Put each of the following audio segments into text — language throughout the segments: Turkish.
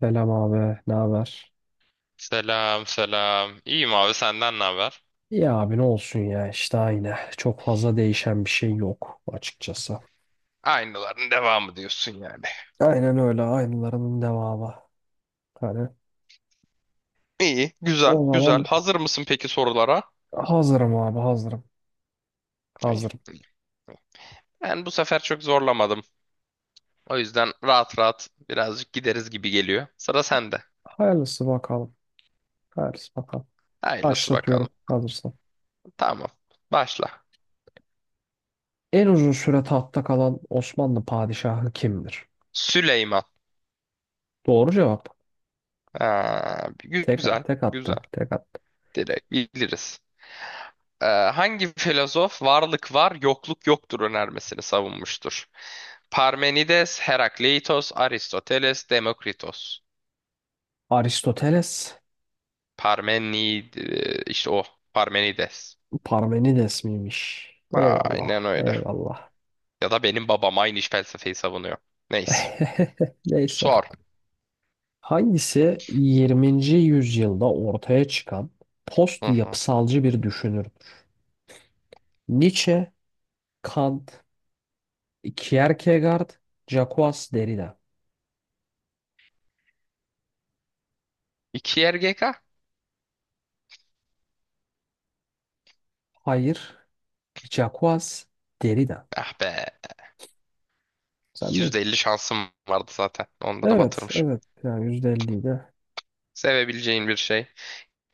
Selam abi, ne haber? Selam selam. İyiyim abi senden ne haber? Ya abi ne olsun ya işte aynı. Çok fazla değişen bir şey yok açıkçası. Aynıların devamı diyorsun yani. Aynen öyle aynılarının devamı. Hani, İyi, güzel, o zaman güzel. Hazır mısın peki sorulara? hazırım abi, hazırım. İyi, Hazırım. iyi. Ben bu sefer çok zorlamadım. O yüzden rahat rahat birazcık gideriz gibi geliyor. Sıra sende. Hayırlısı bakalım. Hayırlısı bakalım. Hayırlısı Başlatıyorum bakalım. hazırsan. Tamam. Başla. En uzun süre tahtta kalan Osmanlı padişahı kimdir? Süleyman. Doğru cevap. Ha, Tek, güzel, tek güzel. attı. Tek attı. Direkt biliriz. Hangi filozof varlık var, yokluk yoktur önermesini savunmuştur? Parmenides, Herakleitos, Aristoteles, Demokritos. Aristoteles. Parmenid işte o Parmenides. Parmenides miymiş? Aynen Eyvallah. öyle. Eyvallah. Ya da benim babam aynı iş felsefeyi savunuyor. Neyse. Neyse. Sor. Hangisi 20. yüzyılda ortaya çıkan post Hı hı. yapısalcı bir düşünürdür? Nietzsche, Kant, Kierkegaard, Jacques Derrida. İki yer GK. Hayır, Jacques Derrida. Ah be. Sen de. %50 şansım vardı zaten. Onda da Evet, batırmışım. evet. Yani %50'yi de. Sevebileceğin bir şey.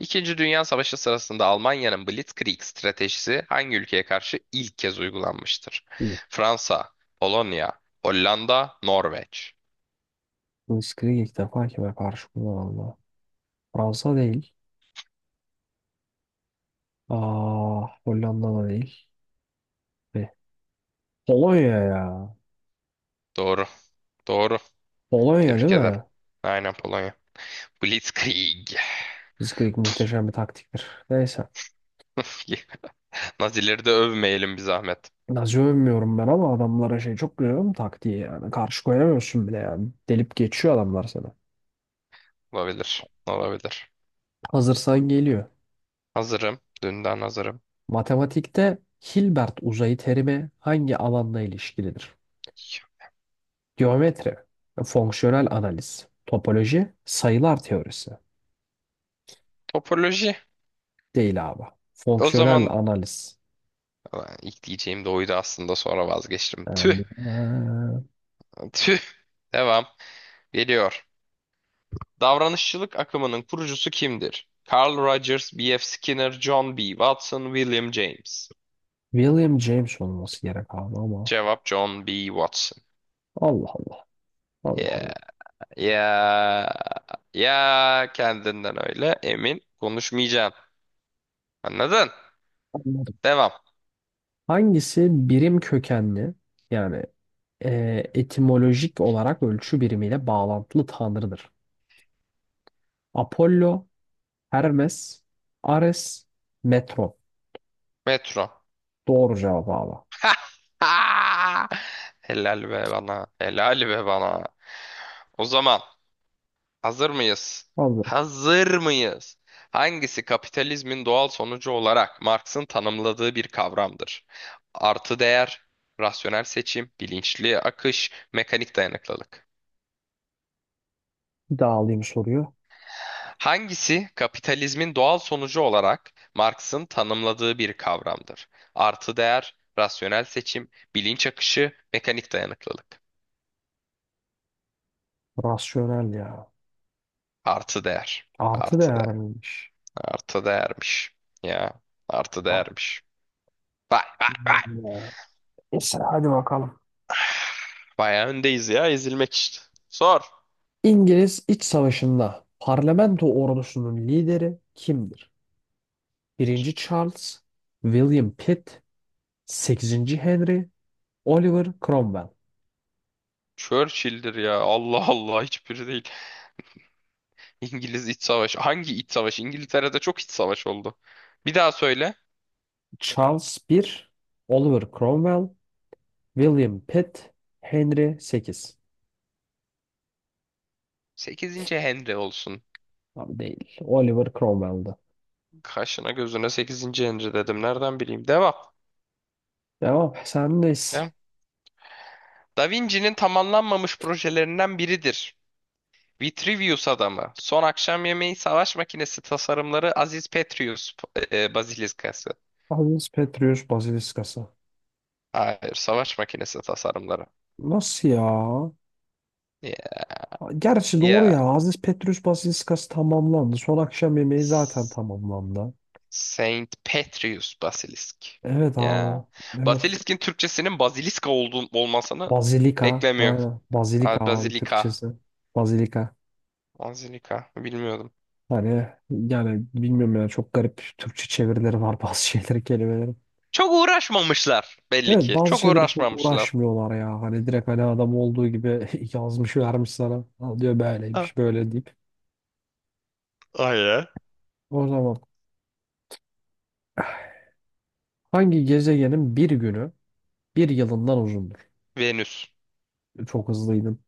İkinci Dünya Savaşı sırasında Almanya'nın Blitzkrieg stratejisi hangi ülkeye karşı ilk kez uygulanmıştır? Hı. Fransa, Polonya, Hollanda, Norveç. Blitzkrieg ilk defa kime karşı kullanıldı? Fransa değil. Aa, Hollanda da değil. Ve Polonya ya. Doğru. Doğru. Polonya değil Tebrik ederim. mi? Aynen Polonya. Blitzkrieg. Blitzkrieg muhteşem bir taktiktir. Neyse. Nazileri de övmeyelim bir zahmet. Nazi övmüyorum ben ama adamlara şey çok görüyorum taktiği yani. Karşı koyamıyorsun bile yani. Delip geçiyor adamlar sana. Olabilir. Olabilir. Hazırsan geliyor. Hazırım. Dünden hazırım. Matematikte Hilbert uzayı terimi hangi alanla ilişkilidir? Geometri, fonksiyonel analiz, topoloji, sayılar teorisi. Topoloji. Değil abi. O Fonksiyonel zaman. analiz. Ulan ilk diyeceğim de oydu aslında sonra vazgeçtim. Tüh. Yani, Tüh. Devam. Geliyor. Davranışçılık akımının kurucusu kimdir? Carl Rogers, B.F. Skinner, John B. Watson, William James. William James olması gerek abi ama. Cevap John B. Watson. Allah Allah. Allah Yeah. Ya ya kendinden öyle emin konuşmayacağım. Anladın? Allah. Devam. Hangisi birim kökenli, yani etimolojik olarak ölçü birimiyle bağlantılı tanrıdır? Apollo, Hermes, Ares, Metro. Metro. Doğru cevabı abi. Helal be bana. Helal be bana. O zaman hazır mıyız? Hazırım. Hazır mıyız? Hangisi kapitalizmin doğal sonucu olarak Marx'ın tanımladığı bir kavramdır? Artı değer, rasyonel seçim, bilinçli akış, mekanik dayanıklılık. Bir daha alayım soruyu. Hangisi kapitalizmin doğal sonucu olarak Marx'ın tanımladığı bir kavramdır? Artı değer, rasyonel seçim, bilinç akışı, mekanik dayanıklılık. Rasyonel ya. Artı değer. Artı Artı değer değer. miymiş? Artı değermiş. Ya. Artı Bak. değermiş. Vay vay vay. Neyse hadi bakalım. Bayağı öndeyiz ya ezilmek işte. Sor. İngiliz İç Savaşı'nda parlamento ordusunun lideri kimdir? Birinci Charles, William Pitt, Sekizinci Henry, Oliver Cromwell, Churchill'dir ya. Allah Allah hiçbiri değil. İngiliz İç Savaşı. Hangi İç Savaşı? İngiltere'de çok iç savaş oldu. Bir daha söyle. Charles I, Oliver Cromwell, William Pitt, Henry VIII. Sekizinci Henry olsun. Abi değil. Oliver Cromwell'dı. Kaşına gözüne sekizinci Henry dedim. Nereden bileyim? Devam. Devam. Sendeyiz. Ya. Da Vinci'nin tamamlanmamış projelerinden biridir. Vitruvius adamı. Son akşam yemeği savaş makinesi tasarımları Aziz Petrus Bazilikası. Aziz Petrus Basiliskası. Hayır, savaş makinesi tasarımları. Nasıl ya? Ya. Gerçi doğru Ya. ya. Aziz Petrus Basiliskası tamamlandı. Son akşam yemeği zaten S- tamamlandı. Saint Petrus Basilisk. Evet Ya. abi. Evet. Basilisk'in Türkçesinin baziliska olduğu olmasını Bazilika. beklemiyor. Aynen. Bazilika Ha, abi Bazilika. Türkçesi. Bazilika. Bazilika. Bilmiyordum. Hani yani bilmiyorum ya, çok garip Türkçe çevirileri var bazı şeyleri kelimelerin. Çok uğraşmamışlar belli Evet, ki. bazı Çok şeyleri çok uğraşmamışlar. uğraşmıyorlar ya. Hani direkt hani adam olduğu gibi yazmış vermiş sana. Al diyor, Ha. böyleymiş böyle deyip. Ay ya. O zaman hangi gezegenin bir günü bir yılından uzundur? Venüs. Çok hızlıydın.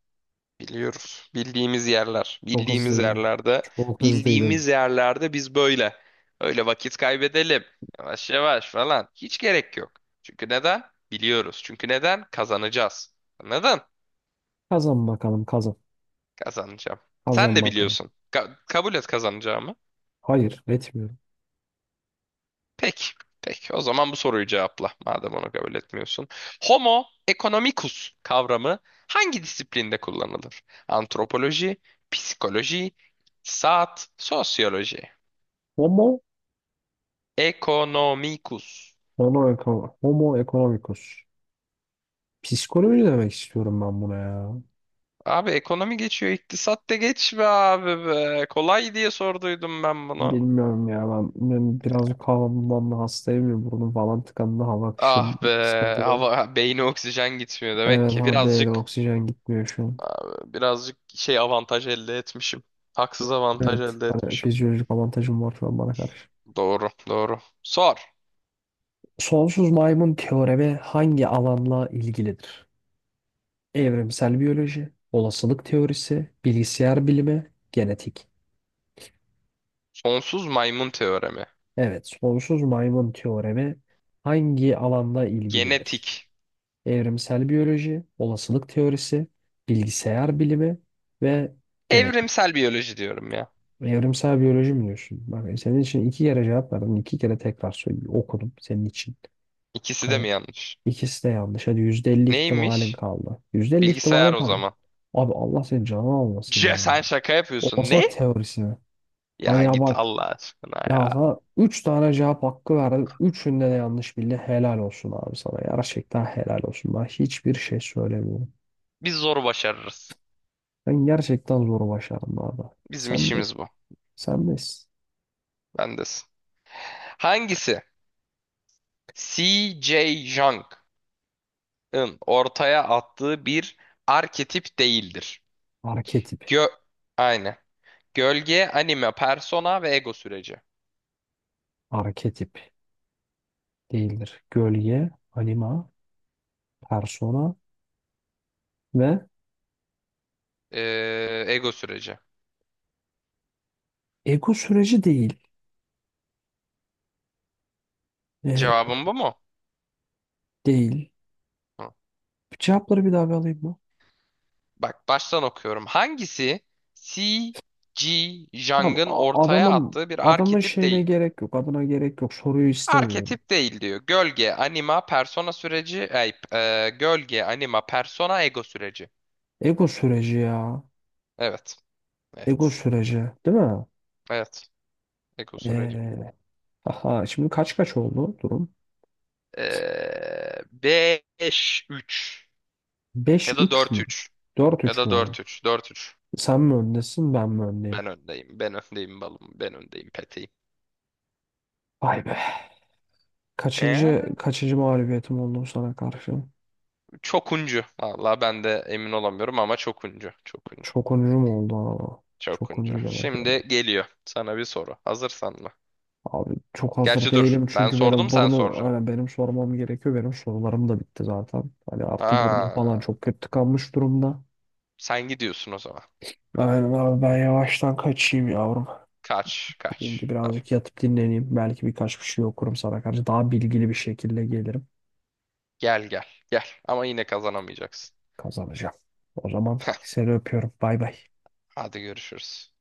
Biliyoruz. Bildiğimiz yerler. Çok Bildiğimiz hızlıydın. yerlerde. Çok hızlıydın. Bildiğimiz yerlerde biz böyle. Öyle vakit kaybedelim. Yavaş yavaş falan. Hiç gerek yok. Çünkü neden? Biliyoruz. Çünkü neden? Kazanacağız. Neden? Kazan bakalım kazan. Kazanacağım. Sen Kazan de bakalım. biliyorsun. Kabul et kazanacağımı. Hayır, etmiyorum. Peki. Peki. O zaman bu soruyu cevapla. Madem onu kabul etmiyorsun. Homo economicus kavramı hangi disiplinde kullanılır? Antropoloji, psikoloji, iktisat, sosyoloji. Homo, Economicus. homo, Homo economicus. Psikoloji demek istiyorum ben buna ya. Abi ekonomi geçiyor, iktisat da geç be abi be. Kolay diye sorduydum ben bunu. Bilmiyorum ya, ben, ben birazcık havamdan da hastayım ya, burnum falan tıkandı, hava Ah akışım be, sıkıntılı. hava beyni oksijen gitmiyor demek Evet ki. abi, beyler Birazcık oksijen gitmiyor şu an. abi, birazcık avantaj elde etmişim. Haksız avantaj Evet, elde hani etmişim. fizyolojik avantajım var şu an bana karşı. Doğru, doğru. Sor. Sonsuz maymun teoremi hangi alanla ilgilidir? Evrimsel biyoloji, olasılık teorisi, bilgisayar bilimi, genetik. Sonsuz maymun teoremi. Evet, sonsuz maymun teoremi hangi alanla ilgilidir? Genetik. Evrimsel biyoloji, olasılık teorisi, bilgisayar bilimi ve genetik. Evrimsel biyoloji diyorum ya. Evrimsel biyoloji mi diyorsun? Bak, senin için iki kere cevap verdim. İki kere tekrar söyleyeyim. Okudum senin için. İkisi de Hani mi yanlış? ikisi de yanlış. Hadi %50 ihtimalin Neymiş? kaldı. %50 Bilgisayar ihtimalin o kaldı. zaman. Abi Allah senin canını almasın C ya. sen şaka yapıyorsun. Olasılık Ne? teorisi. Hani Ya ya git bak, Allah aşkına ya ya. sana üç tane cevap hakkı verdim. Üçünde de yanlış bildi. Helal olsun abi sana. Gerçekten helal olsun. Ben hiçbir şey söylemiyorum. Biz zor başarırız. Ben gerçekten zoru başardım bu arada. Bizim işimiz bu. sen de s- Bendesin. Hangisi? C.J. Jung'ın ortaya attığı bir arketip değildir. Arketip, Gö Aynen. Gölge, anime, persona ve ego süreci. arketip değildir. Gölge, anima, persona ve Ego süreci. ego süreci değil. Ee, Cevabım bu mu? Değil. Hı. Cevapları bir daha bir alayım mı? Bak baştan okuyorum. Hangisi C, G, Tamam, Jung'ın ortaya adamın, attığı bir adamın arketip şeyine değil? gerek yok, adına gerek yok. Soruyu istemiyorum. Arketip değil diyor. Gölge, anima, persona süreci, gölge, anima, persona, ego süreci. Ego süreci ya. Evet. Ego Evet. süreci, değil mi? Evet. Ego süreci. Ee, aha, şimdi kaç kaç oldu durum? 5-3 Beş ya da üç mü? 4-3 Dört ya üç da mü oldu? 4-3. 4-3. Sen mi öndesin, ben mi öndeyim? Ben öndeyim. Ben öndeyim balım. Ben öndeyim peteyim. Vay be. Kaçıncı kaçıncı mağlubiyetim oldu sana karşı? Çokuncu. Valla ben de emin olamıyorum ama çokuncu. Çokuncu. Çok oyuncu mu oldu ama? Çok Çokuncu. oyuncu demek öyle. Şimdi geliyor. Sana bir soru. Hazırsan mı? Abi çok hazır Gerçi dur. değilim Ben çünkü sordum benim sen burnum, soracaksın. yani benim sormam gerekiyor. Benim sorularım da bitti zaten. Hani artı burnum falan Aa, çok kötü tıkanmış durumda. sen gidiyorsun o zaman. Aynen abi, ben yavaştan kaçayım yavrum. Kaç. Şimdi Kaç. Tamam. birazcık yatıp dinleneyim. Belki birkaç bir şey okurum sana karşı. Daha bilgili bir şekilde gelirim. Gel gel. Gel. Ama yine kazanamayacaksın. Kazanacağım. O zaman seni öpüyorum. Bay bay. Hadi görüşürüz.